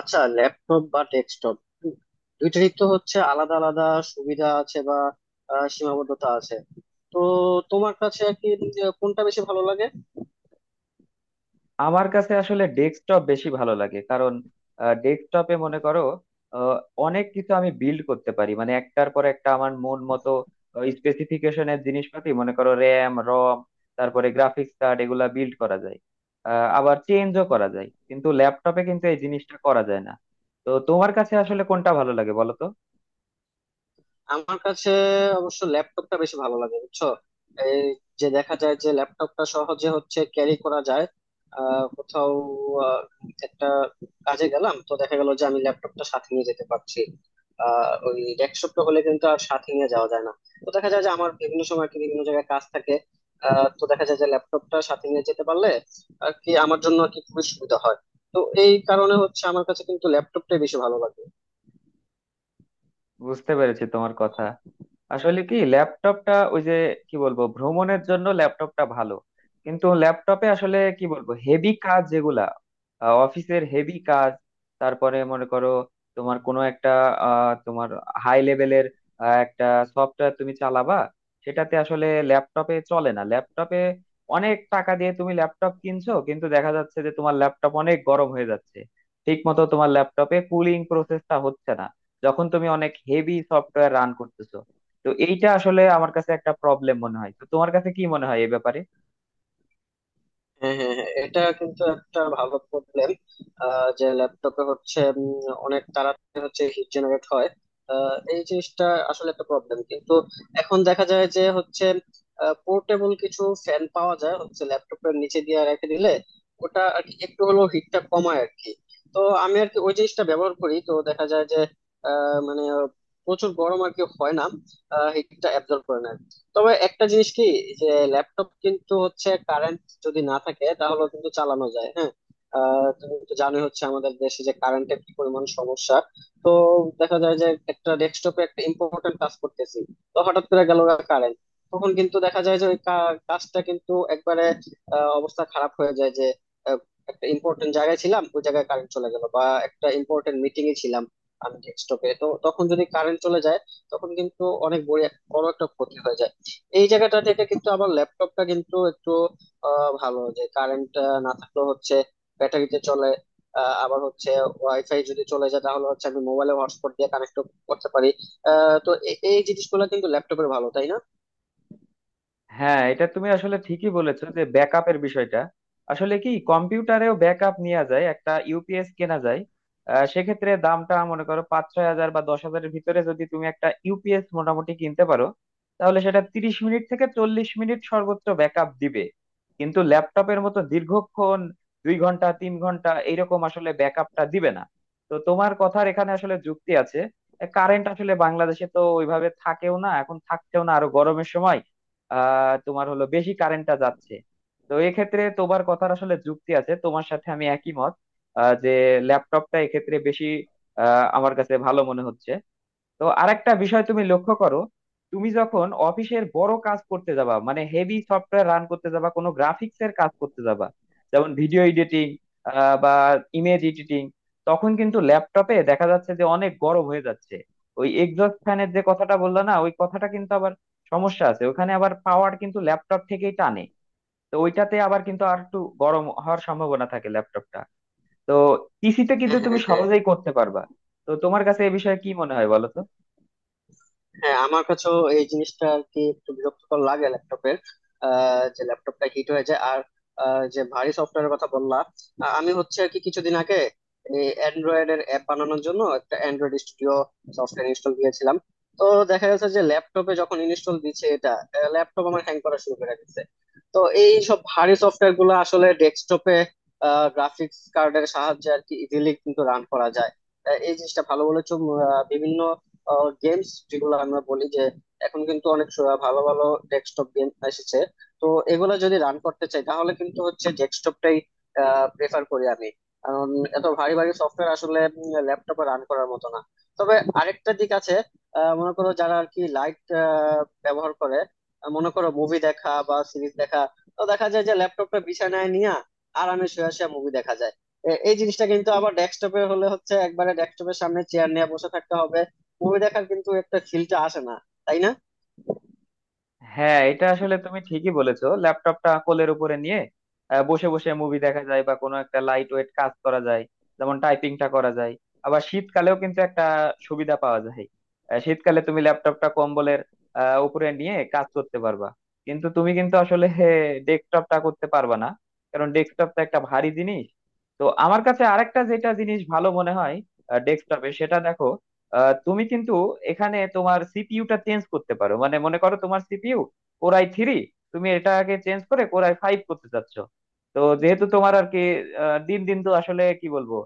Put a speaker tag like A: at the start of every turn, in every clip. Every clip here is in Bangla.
A: আচ্ছা, ল্যাপটপ বা ডেস্কটপ দুইটারই তো হচ্ছে আলাদা আলাদা সুবিধা আছে বা সীমাবদ্ধতা আছে। তো তোমার কাছে আর কি কোনটা বেশি ভালো লাগে?
B: আমার কাছে আসলে ডেস্কটপ বেশি ভালো লাগে, কারণ ডেস্কটপে মনে করো আহ, অনেক কিছু আমি বিল্ড করতে পারি। মানে একটার পর একটা আমার মন মতো স্পেসিফিকেশনের জিনিসপাতি, মনে করো র্যাম, রম, তারপরে গ্রাফিক্স কার্ড, এগুলা বিল্ড করা যায়, আবার চেঞ্জও করা যায়। কিন্তু ল্যাপটপে কিন্তু এই জিনিসটা করা যায় না। তো তোমার কাছে আসলে কোনটা ভালো লাগে, বলো তো?
A: আমার কাছে অবশ্য ল্যাপটপটা বেশি ভালো লাগে, বুঝছো? এই যে দেখা যায় যে ল্যাপটপটা সহজে হচ্ছে ক্যারি করা যায়। কোথাও আহ, একটা কাজে গেলাম, তো দেখা গেল যে আমি ল্যাপটপটা সাথে নিয়ে যেতে পারছি। ওই ডেস্কটপটা হলে কিন্তু আর সাথে নিয়ে যাওয়া যায় না। তো দেখা যায় যে আমার বিভিন্ন সময় আর কি বিভিন্ন জায়গায় কাজ থাকে। তো দেখা যায় যে ল্যাপটপটা সাথে নিয়ে যেতে পারলে আর কি আমার জন্য আর কি খুবই সুবিধা হয়। তো এই কারণে হচ্ছে আমার কাছে কিন্তু ল্যাপটপটাই বেশি ভালো লাগে।
B: বুঝতে পেরেছি তোমার কথা। আসলে কি ল্যাপটপটা ওই যে, কি বলবো, ভ্রমণের জন্য ল্যাপটপটা ভালো। কিন্তু ল্যাপটপে আসলে কি বলবো, হেভি কাজ যেগুলা, অফিসের হেভি কাজ, তারপরে মনে করো তোমার কোনো একটা তোমার হাই লেভেলের একটা সফটওয়্যার তুমি চালাবা, সেটাতে আসলে ল্যাপটপে চলে না। ল্যাপটপে অনেক টাকা দিয়ে তুমি ল্যাপটপ কিনছো, কিন্তু দেখা যাচ্ছে যে তোমার ল্যাপটপ অনেক গরম হয়ে যাচ্ছে, ঠিক মতো তোমার ল্যাপটপে কুলিং প্রসেসটা হচ্ছে না, যখন তুমি অনেক হেভি সফটওয়্যার রান করতেছো। তো এইটা আসলে আমার কাছে একটা প্রবলেম মনে হয়। তো তোমার কাছে কি মনে হয় এই ব্যাপারে?
A: হ্যাঁ, হ্যাঁ, হ্যাঁ, এটা কিন্তু একটা ভালো প্রবলেম। যে ল্যাপটপে হচ্ছে অনেক তাড়াতাড়ি হচ্ছে হিট জেনারেট হয়। এই জিনিসটা আসলে একটা প্রবলেম, কিন্তু এখন দেখা যায় যে হচ্ছে পোর্টেবল কিছু ফ্যান পাওয়া যায়, হচ্ছে ল্যাপটপের নিচে দিয়ে রেখে দিলে ওটা আর কি একটু হলেও হিটটা কমায় আর কি। তো আমি আর কি ওই জিনিসটা ব্যবহার করি, তো দেখা যায় যে মানে প্রচুর গরম আর কি হয় না, হিটটা অ্যাবজর্ব করে না। তবে একটা জিনিস কি, যে ল্যাপটপ কিন্তু হচ্ছে যদি না থাকে তাহলে কিন্তু চালানো যায়। হ্যাঁ। তুমি তো জানোই হচ্ছে আমাদের দেশে যে কারেন্টের কি পরিমাণ সমস্যা। তো দেখা যায় যে একটা ডেস্কটপে একটা ইম্পর্টেন্ট কাজ করতেছি, তো হঠাৎ করে গেল কারেন্ট। তখন কিন্তু দেখা যায় যে ওই কাজটা কিন্তু একবারে অবস্থা খারাপ হয়ে যায়। যে আহ, একটা ইম্পর্টেন্ট জায়গায় ছিলাম, ওই জায়গায় কারেন্ট চলে গেল, বা একটা ইম্পর্টেন্ট মিটিং এ ছিলাম আমি ডেস্কটপে, তো তখন যদি কারেন্ট চলে যায় তখন কিন্তু অনেক বড় বড় একটা ক্ষতি হয়ে যায়। এই জায়গাটা থেকে কিন্তু আবার ল্যাপটপটা কিন্তু একটু ভালো, যে কারেন্ট না থাকলেও হচ্ছে ব্যাটারিতে চলে। আবার হচ্ছে ওয়াইফাই যদি চলে যায় তাহলে হচ্ছে আমি মোবাইলে হটস্পট দিয়ে কানেক্ট করতে পারি। তো এই জিনিসগুলো কিন্তু ল্যাপটপের ভালো, তাই না?
B: হ্যাঁ, এটা তুমি আসলে ঠিকই বলেছো যে ব্যাকআপের বিষয়টা। আসলে কি কম্পিউটারেও ব্যাকআপ নেওয়া যায়, একটা ইউপিএস কেনা যায়। সেক্ষেত্রে দামটা মনে করো 5-6 হাজার বা 10 হাজারের ভিতরে যদি তুমি একটা ইউপিএস মোটামুটি কিনতে পারো, তাহলে সেটা 30 মিনিট থেকে 40 মিনিট সর্বোচ্চ ব্যাকআপ দিবে। কিন্তু ল্যাপটপের মতো দীর্ঘক্ষণ, 2 ঘন্টা 3 ঘন্টা এইরকম আসলে ব্যাকআপটা দিবে না। তো তোমার কথার এখানে আসলে যুক্তি আছে। কারেন্ট আসলে বাংলাদেশে তো ওইভাবে থাকেও না, এখন থাকছেও না, আরো গরমের সময় তোমার হলো বেশি কারেন্টটা যাচ্ছে। তো এক্ষেত্রে তোমার কথার আসলে যুক্তি আছে, তোমার সাথে আমি একই মত, যে ল্যাপটপটা এক্ষেত্রে বেশি আমার কাছে ভালো মনে হচ্ছে। তো আরেকটা বিষয় তুমি লক্ষ্য করো। তুমি যখন অফিসের বড় কাজ করতে যাবা, মানে হেভি সফটওয়্যার রান করতে যাবা, কোনো গ্রাফিক্স এর কাজ করতে যাবা, যেমন ভিডিও এডিটিং বা ইমেজ এডিটিং, তখন কিন্তু ল্যাপটপে দেখা যাচ্ছে যে অনেক গরম হয়ে যাচ্ছে। ওই এক্সস্ট ফ্যানের যে কথাটা বললা না, ওই কথাটা কিন্তু আবার সমস্যা আছে। ওখানে আবার পাওয়ার কিন্তু ল্যাপটপ থেকেই টানে, তো ওইটাতে আবার কিন্তু আর একটু গরম হওয়ার সম্ভাবনা থাকে ল্যাপটপটা। তো পিসিতে কিন্তু
A: হ্যাঁ,
B: তুমি
A: হ্যাঁ, হ্যাঁ।
B: সহজেই করতে পারবা। তো তোমার কাছে এ বিষয়ে কি মনে হয়, বলো তো?
A: হ্যাঁ আমার কাছেও এই জিনিসটা আর কি একটু বিরক্তিকর লাগে ল্যাপটপের, যে ল্যাপটপটা হিট হয়ে যায়। আর যে ভারী সফটওয়্যারের কথা বললাম, আমি হচ্ছে আর কি কিছুদিন আগে অ্যান্ড্রয়েড এর অ্যাপ বানানোর জন্য একটা অ্যান্ড্রয়েড স্টুডিও সফটওয়্যার ইনস্টল দিয়েছিলাম। তো দেখা যাচ্ছে যে ল্যাপটপে যখন ইনস্টল দিচ্ছে এটা, ল্যাপটপ আমার হ্যাং করা শুরু করে দিচ্ছে। তো এই সব ভারী সফটওয়্যার গুলো আসলে ডেস্কটপে গ্রাফিক্স কার্ডের সাহায্যে আর কি ইজিলি কিন্তু রান করা যায়। এই জিনিসটা ভালো বলেছো। বিভিন্ন গেমস যেগুলো আমরা বলি যে এখন কিন্তু অনেক ভালো ভালো ডেস্কটপ গেম এসেছে। তো এগুলো যদি রান করতে চাই তাহলে কিন্তু হচ্ছে ডেস্কটপটাই প্রেফার করি আমি, কারণ এত ভারী ভারী সফটওয়্যার আসলে ল্যাপটপে রান করার মতো না। তবে আরেকটা দিক আছে। মনে করো যারা আর কি লাইট ব্যবহার করে, মনে করো মুভি দেখা বা সিরিজ দেখা। তো দেখা যায় যে ল্যাপটপটা বিছানায় নিয়ে আরামে শুয়ে শুয়ে মুভি দেখা যায়। এই জিনিসটা কিন্তু আবার ডেস্কটপে হলে হচ্ছে একবারে ডেস্কটপের সামনে চেয়ার নিয়ে বসে থাকতে হবে, মুভি দেখার কিন্তু একটা ফিলটা আসে না, তাই না?
B: হ্যাঁ, এটা আসলে তুমি ঠিকই বলেছো, ল্যাপটপটা কোলের উপরে নিয়ে বসে বসে মুভি দেখা যায়, বা কোনো একটা লাইট ওয়েট কাজ করা যায়, যেমন টাইপিংটা করা যায়। আবার শীতকালেও কিন্তু একটা সুবিধা পাওয়া যায়। শীতকালে তুমি ল্যাপটপটা কম্বলের উপরে নিয়ে কাজ করতে পারবা। কিন্তু তুমি কিন্তু আসলে ডেস্কটপটা করতে পারবা না, কারণ ডেস্কটপটা একটা ভারী জিনিস। তো আমার কাছে আরেকটা যেটা জিনিস ভালো মনে হয় ডেস্কটপে, সেটা দেখো। তুমি কিন্তু এখানে তোমার সিপিইউটা চেঞ্জ করতে পারো, মানে মনে করো তোমার সিপিইউ কোরাই থ্রি, তুমি এটাকে চেঞ্জ করে কোরাই ফাইভ করতে চাচ্ছ। তো যেহেতু তোমার আর কি দিন দিন তো আসলে কি বলবো,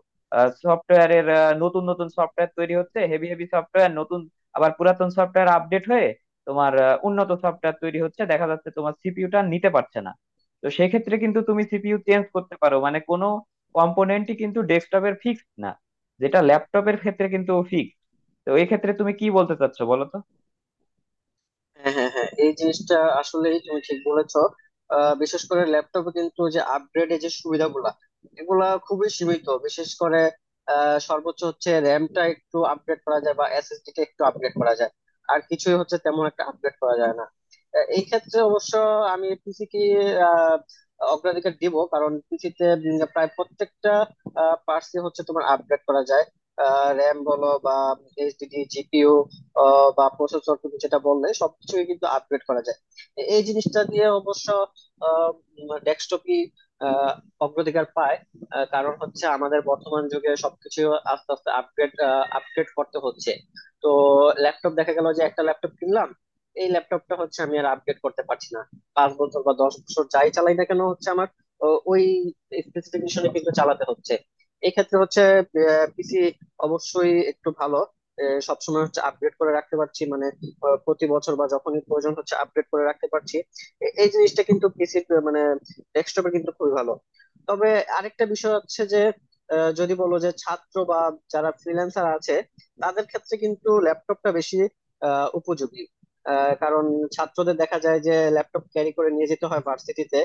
B: সফটওয়্যারের নতুন নতুন সফটওয়্যার তৈরি হচ্ছে, হেভি হেভি সফটওয়্যার নতুন, আবার পুরাতন সফটওয়্যার আপডেট হয়ে তোমার উন্নত সফটওয়্যার তৈরি হচ্ছে, দেখা যাচ্ছে তোমার সিপিইউটা নিতে পারছে না। তো সেক্ষেত্রে কিন্তু তুমি সিপিইউ চেঞ্জ করতে পারো, মানে কোনো কম্পোনেন্টই কিন্তু ডেস্কটপের ফিক্সড না, যেটা ল্যাপটপের ক্ষেত্রে কিন্তু ফিক্সড। তো এই ক্ষেত্রে তুমি কি বলতে চাচ্ছ, বলো তো?
A: হ্যাঁ, হ্যাঁ, হ্যাঁ, এই জিনিসটা আসলেই তুমি ঠিক বলেছো। বিশেষ করে ল্যাপটপে কিন্তু যে আপগ্রেডের যে সুবিধাগুলা, এগুলা খুবই সীমিত। বিশেষ করে সর্বোচ্চ হচ্ছে র্যামটা একটু আপগ্রেড করা যায় বা এসএসডি টা একটু আপগ্রেড করা যায়, আর কিছুই হচ্ছে তেমন একটা আপগ্রেড করা যায় না। এই ক্ষেত্রে অবশ্য আমি পিসি কি আহ, অগ্রাধিকার দিব, কারণ পিসিতে প্রায় প্রত্যেকটা পার্টসই হচ্ছে তোমার আপগ্রেড করা যায়। র্যাম বলো বা এইচডিডি, জিপিইউ, বা প্রসেসর তুমি যেটা বললে সবকিছুই কিন্তু আপগ্রেড করা যায়। এই জিনিসটা দিয়ে অবশ্য ডেস্কটপই অগ্রাধিকার পায়। কারণ হচ্ছে আমাদের বর্তমান যুগে সবকিছু আস্তে আস্তে আপগ্রেড আপগ্রেড করতে হচ্ছে। তো ল্যাপটপ দেখা গেল যে একটা ল্যাপটপ কিনলাম, এই ল্যাপটপটা হচ্ছে আমি আর আপগ্রেড করতে পারছি না। 5 বছর বা 10 বছর যাই চালাই না কেন হচ্ছে আমার ওই স্পেসিফিকেশনে কিন্তু চালাতে হচ্ছে। এক্ষেত্রে হচ্ছে পিসি অবশ্যই একটু ভালো। সবসময় হচ্ছে আপডেট করে রাখতে পারছি মানে প্রতি বছর বা যখনই প্রয়োজন হচ্ছে আপডেট করে রাখতে পারছি। এই জিনিসটা কিন্তু পিসির মানে ডেস্কটপে কিন্তু খুবই ভালো। তবে আরেকটা বিষয় হচ্ছে যে যদি বলো যে ছাত্র বা যারা ফ্রিল্যান্সার আছে, তাদের ক্ষেত্রে কিন্তু ল্যাপটপটা বেশি উপযোগী। কারণ ছাত্রদের দেখা যায় যে ল্যাপটপ ক্যারি করে নিয়ে যেতে হয় ভার্সিটিতে,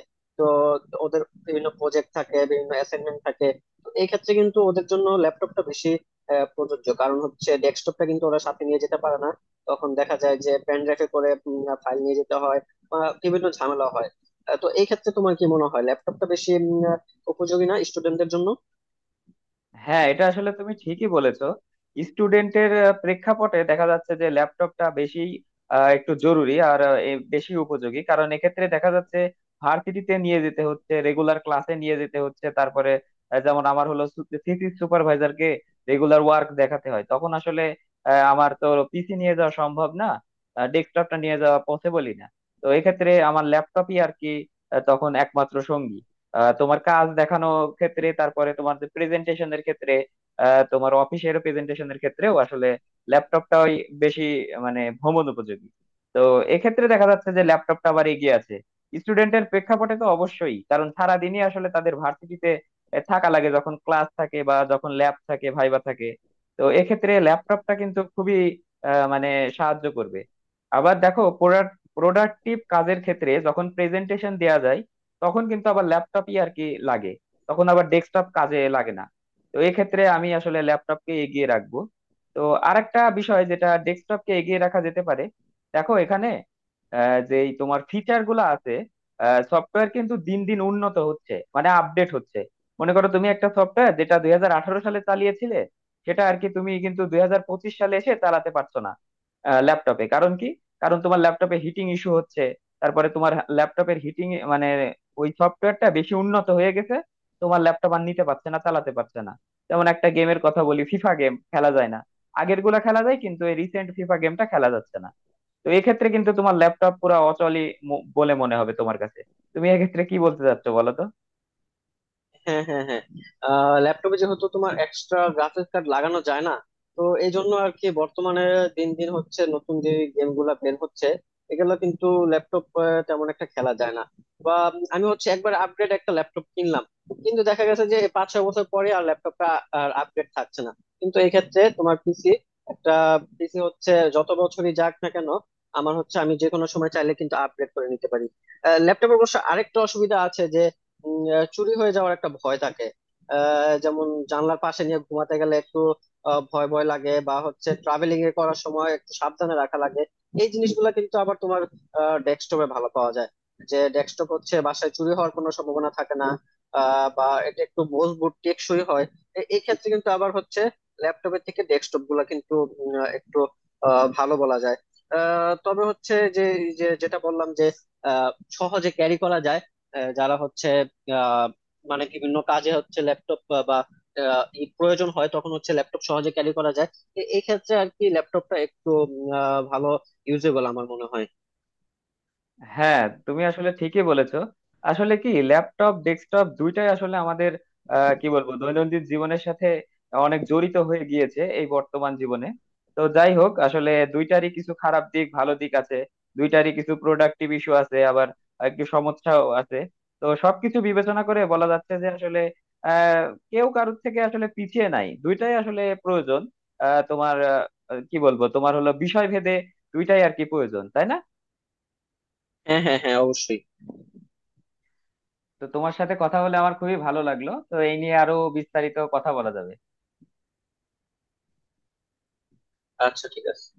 A: ওদের বিভিন্ন প্রজেক্ট থাকে বিভিন্ন অ্যাসাইনমেন্ট থাকে। তো এই ক্ষেত্রে কিন্তু ওদের জন্য ল্যাপটপটা বেশি প্রযোজ্য, কারণ হচ্ছে ডেস্কটপটা কিন্তু ওরা সাথে নিয়ে যেতে পারে না। তখন দেখা যায় যে পেন ড্রাইভে করে ফাইল নিয়ে যেতে হয়, বা বিভিন্ন ঝামেলা হয়। তো এই ক্ষেত্রে তোমার কি মনে হয়, ল্যাপটপটা বেশি উপযোগী না স্টুডেন্টদের জন্য?
B: হ্যাঁ, এটা আসলে তুমি ঠিকই বলেছো। স্টুডেন্টের প্রেক্ষাপটে দেখা যাচ্ছে যে ল্যাপটপটা বেশি একটু জরুরি আর এ বেশি উপযোগী, কারণ এক্ষেত্রে দেখা যাচ্ছে ভার্সিটিতে নিয়ে যেতে হচ্ছে, রেগুলার ক্লাসে নিয়ে যেতে হচ্ছে, তারপরে যেমন আমার হলো থিসিস সুপারভাইজারকে রেগুলার ওয়ার্ক দেখাতে হয়, তখন আসলে আমার তো পিসি নিয়ে যাওয়া সম্ভব না, ডেস্কটপটা নিয়ে যাওয়া পসিবলই না। তো এক্ষেত্রে আমার ল্যাপটপই আর কি তখন একমাত্র সঙ্গী। তোমার কাজ দেখানোর ক্ষেত্রে, তারপরে তোমার যে প্রেজেন্টেশনের ক্ষেত্রে, তোমার অফিসের প্রেজেন্টেশনের ক্ষেত্রেও আসলে ল্যাপটপটাই বেশি, মানে ভ্রমণ উপযোগী। তো এক্ষেত্রে দেখা যাচ্ছে যে ল্যাপটপটা আবার এগিয়ে আছে। স্টুডেন্টের প্রেক্ষাপটে তো অবশ্যই, কারণ সারাদিনই আসলে তাদের ভার্সিটিতে থাকা লাগে, যখন ক্লাস থাকে বা যখন ল্যাব থাকে, ভাইবা থাকে। তো এক্ষেত্রে ল্যাপটপটা কিন্তু খুবই মানে সাহায্য করবে। আবার দেখো, প্রোডাক্টিভ কাজের ক্ষেত্রে যখন প্রেজেন্টেশন দেয়া যায়, তখন কিন্তু আবার ল্যাপটপই আর কি লাগে। তখন আবার ডেস্কটপ কাজে লাগে না। তো এক্ষেত্রে আমি আসলে ল্যাপটপকে এগিয়ে রাখবো। তো আরেকটা বিষয় যেটা ডেস্কটপকে এগিয়ে রাখা যেতে পারে, দেখো এখানে যে এই তোমার ফিচার গুলো আছে, সফটওয়্যার কিন্তু দিন দিন উন্নত হচ্ছে মানে আপডেট হচ্ছে। মনে করো তুমি একটা সফটওয়্যার যেটা 2018 সালে চালিয়েছিলে, সেটা আর কি তুমি কিন্তু 2025 সালে এসে চালাতে পারছো না ল্যাপটপে, কারণ কি? কারণ তোমার ল্যাপটপে হিটিং ইস্যু হচ্ছে। তারপরে তোমার ল্যাপটপের হিটিং, মানে ওই সফটওয়্যারটা বেশি উন্নত হয়ে গেছে, তোমার ল্যাপটপ আর নিতে পারছে না, চালাতে পারছে না। যেমন একটা গেমের কথা বলি, ফিফা গেম খেলা যায় না, আগের গুলা খেলা যায় কিন্তু এই রিসেন্ট ফিফা গেমটা খেলা যাচ্ছে না। তো এক্ষেত্রে কিন্তু তোমার ল্যাপটপ পুরো অচলই বলে মনে হবে তোমার কাছে। তুমি এক্ষেত্রে কি বলতে চাচ্ছো, বলো তো?
A: হ্যাঁ, হ্যাঁ, হ্যাঁ। ল্যাপটপে যেহেতু তোমার এক্সট্রা গ্রাফিক্স কার্ড লাগানো যায় না, তো এই জন্য আর কি বর্তমানে দিন দিন হচ্ছে নতুন যে গেম গুলা বের হচ্ছে, এগুলো কিন্তু ল্যাপটপ তেমন একটা খেলা যায় না। বা আমি হচ্ছে একবার আপগ্রেড একটা ল্যাপটপ কিনলাম, কিন্তু দেখা গেছে যে 5-6 বছর পরে আর ল্যাপটপটা আর আপগ্রেড থাকছে না। কিন্তু এই ক্ষেত্রে তোমার পিসি, একটা পিসি হচ্ছে যত বছরই যাক না কেন আমার হচ্ছে, আমি যে কোনো সময় চাইলে কিন্তু আপগ্রেড করে নিতে পারি। ল্যাপটপের অবশ্য আরেকটা অসুবিধা আছে যে চুরি হয়ে যাওয়ার একটা ভয় থাকে। যেমন জানলার পাশে নিয়ে ঘুমাতে গেলে একটু ভয় ভয় লাগে, বা হচ্ছে ট্রাভেলিং এ করার সময় একটু সাবধানে রাখা লাগে। এই জিনিসগুলো কিন্তু আবার তোমার ডেস্কটপে ভালো পাওয়া যায়, যে ডেস্কটপ হচ্ছে বাসায় চুরি হওয়ার কোনো সম্ভাবনা থাকে না। বা এটা একটু মজবুত টেকসই হয়। এই ক্ষেত্রে কিন্তু আবার হচ্ছে ল্যাপটপের থেকে ডেস্কটপ গুলা কিন্তু একটু ভালো বলা যায়। তবে হচ্ছে যে যে- যেটা বললাম যে আহ, সহজে ক্যারি করা যায়। যারা হচ্ছে আহ মানে বিভিন্ন কাজে হচ্ছে ল্যাপটপ বা ই প্রয়োজন হয়, তখন হচ্ছে ল্যাপটপ সহজে ক্যারি করা যায়। এই ক্ষেত্রে আর কি ল্যাপটপটা একটু ভালো, ইউজেবল আমার মনে হয়।
B: হ্যাঁ, তুমি আসলে ঠিকই বলেছো। আসলে কি ল্যাপটপ ডেস্কটপ দুইটাই আসলে আমাদের কি বলবো দৈনন্দিন জীবনের সাথে অনেক জড়িত হয়ে গিয়েছে এই বর্তমান জীবনে। তো যাই হোক, আসলে দুইটারই কিছু খারাপ দিক ভালো দিক আছে, দুইটারই কিছু প্রোডাক্টিভ ইস্যু আছে, আবার একটু সমস্যাও আছে। তো সবকিছু বিবেচনা করে বলা যাচ্ছে যে আসলে আহ কেউ কারোর থেকে আসলে পিছিয়ে নাই, দুইটাই আসলে প্রয়োজন। তোমার কি বলবো, তোমার হলো বিষয় ভেদে দুইটাই আর কি প্রয়োজন, তাই না?
A: হ্যাঁ, হ্যাঁ, হ্যাঁ, অবশ্যই।
B: তো তোমার সাথে কথা বলে আমার খুবই ভালো লাগলো। তো এই নিয়ে আরো বিস্তারিত কথা বলা যাবে।
A: আচ্ছা, ঠিক আছে।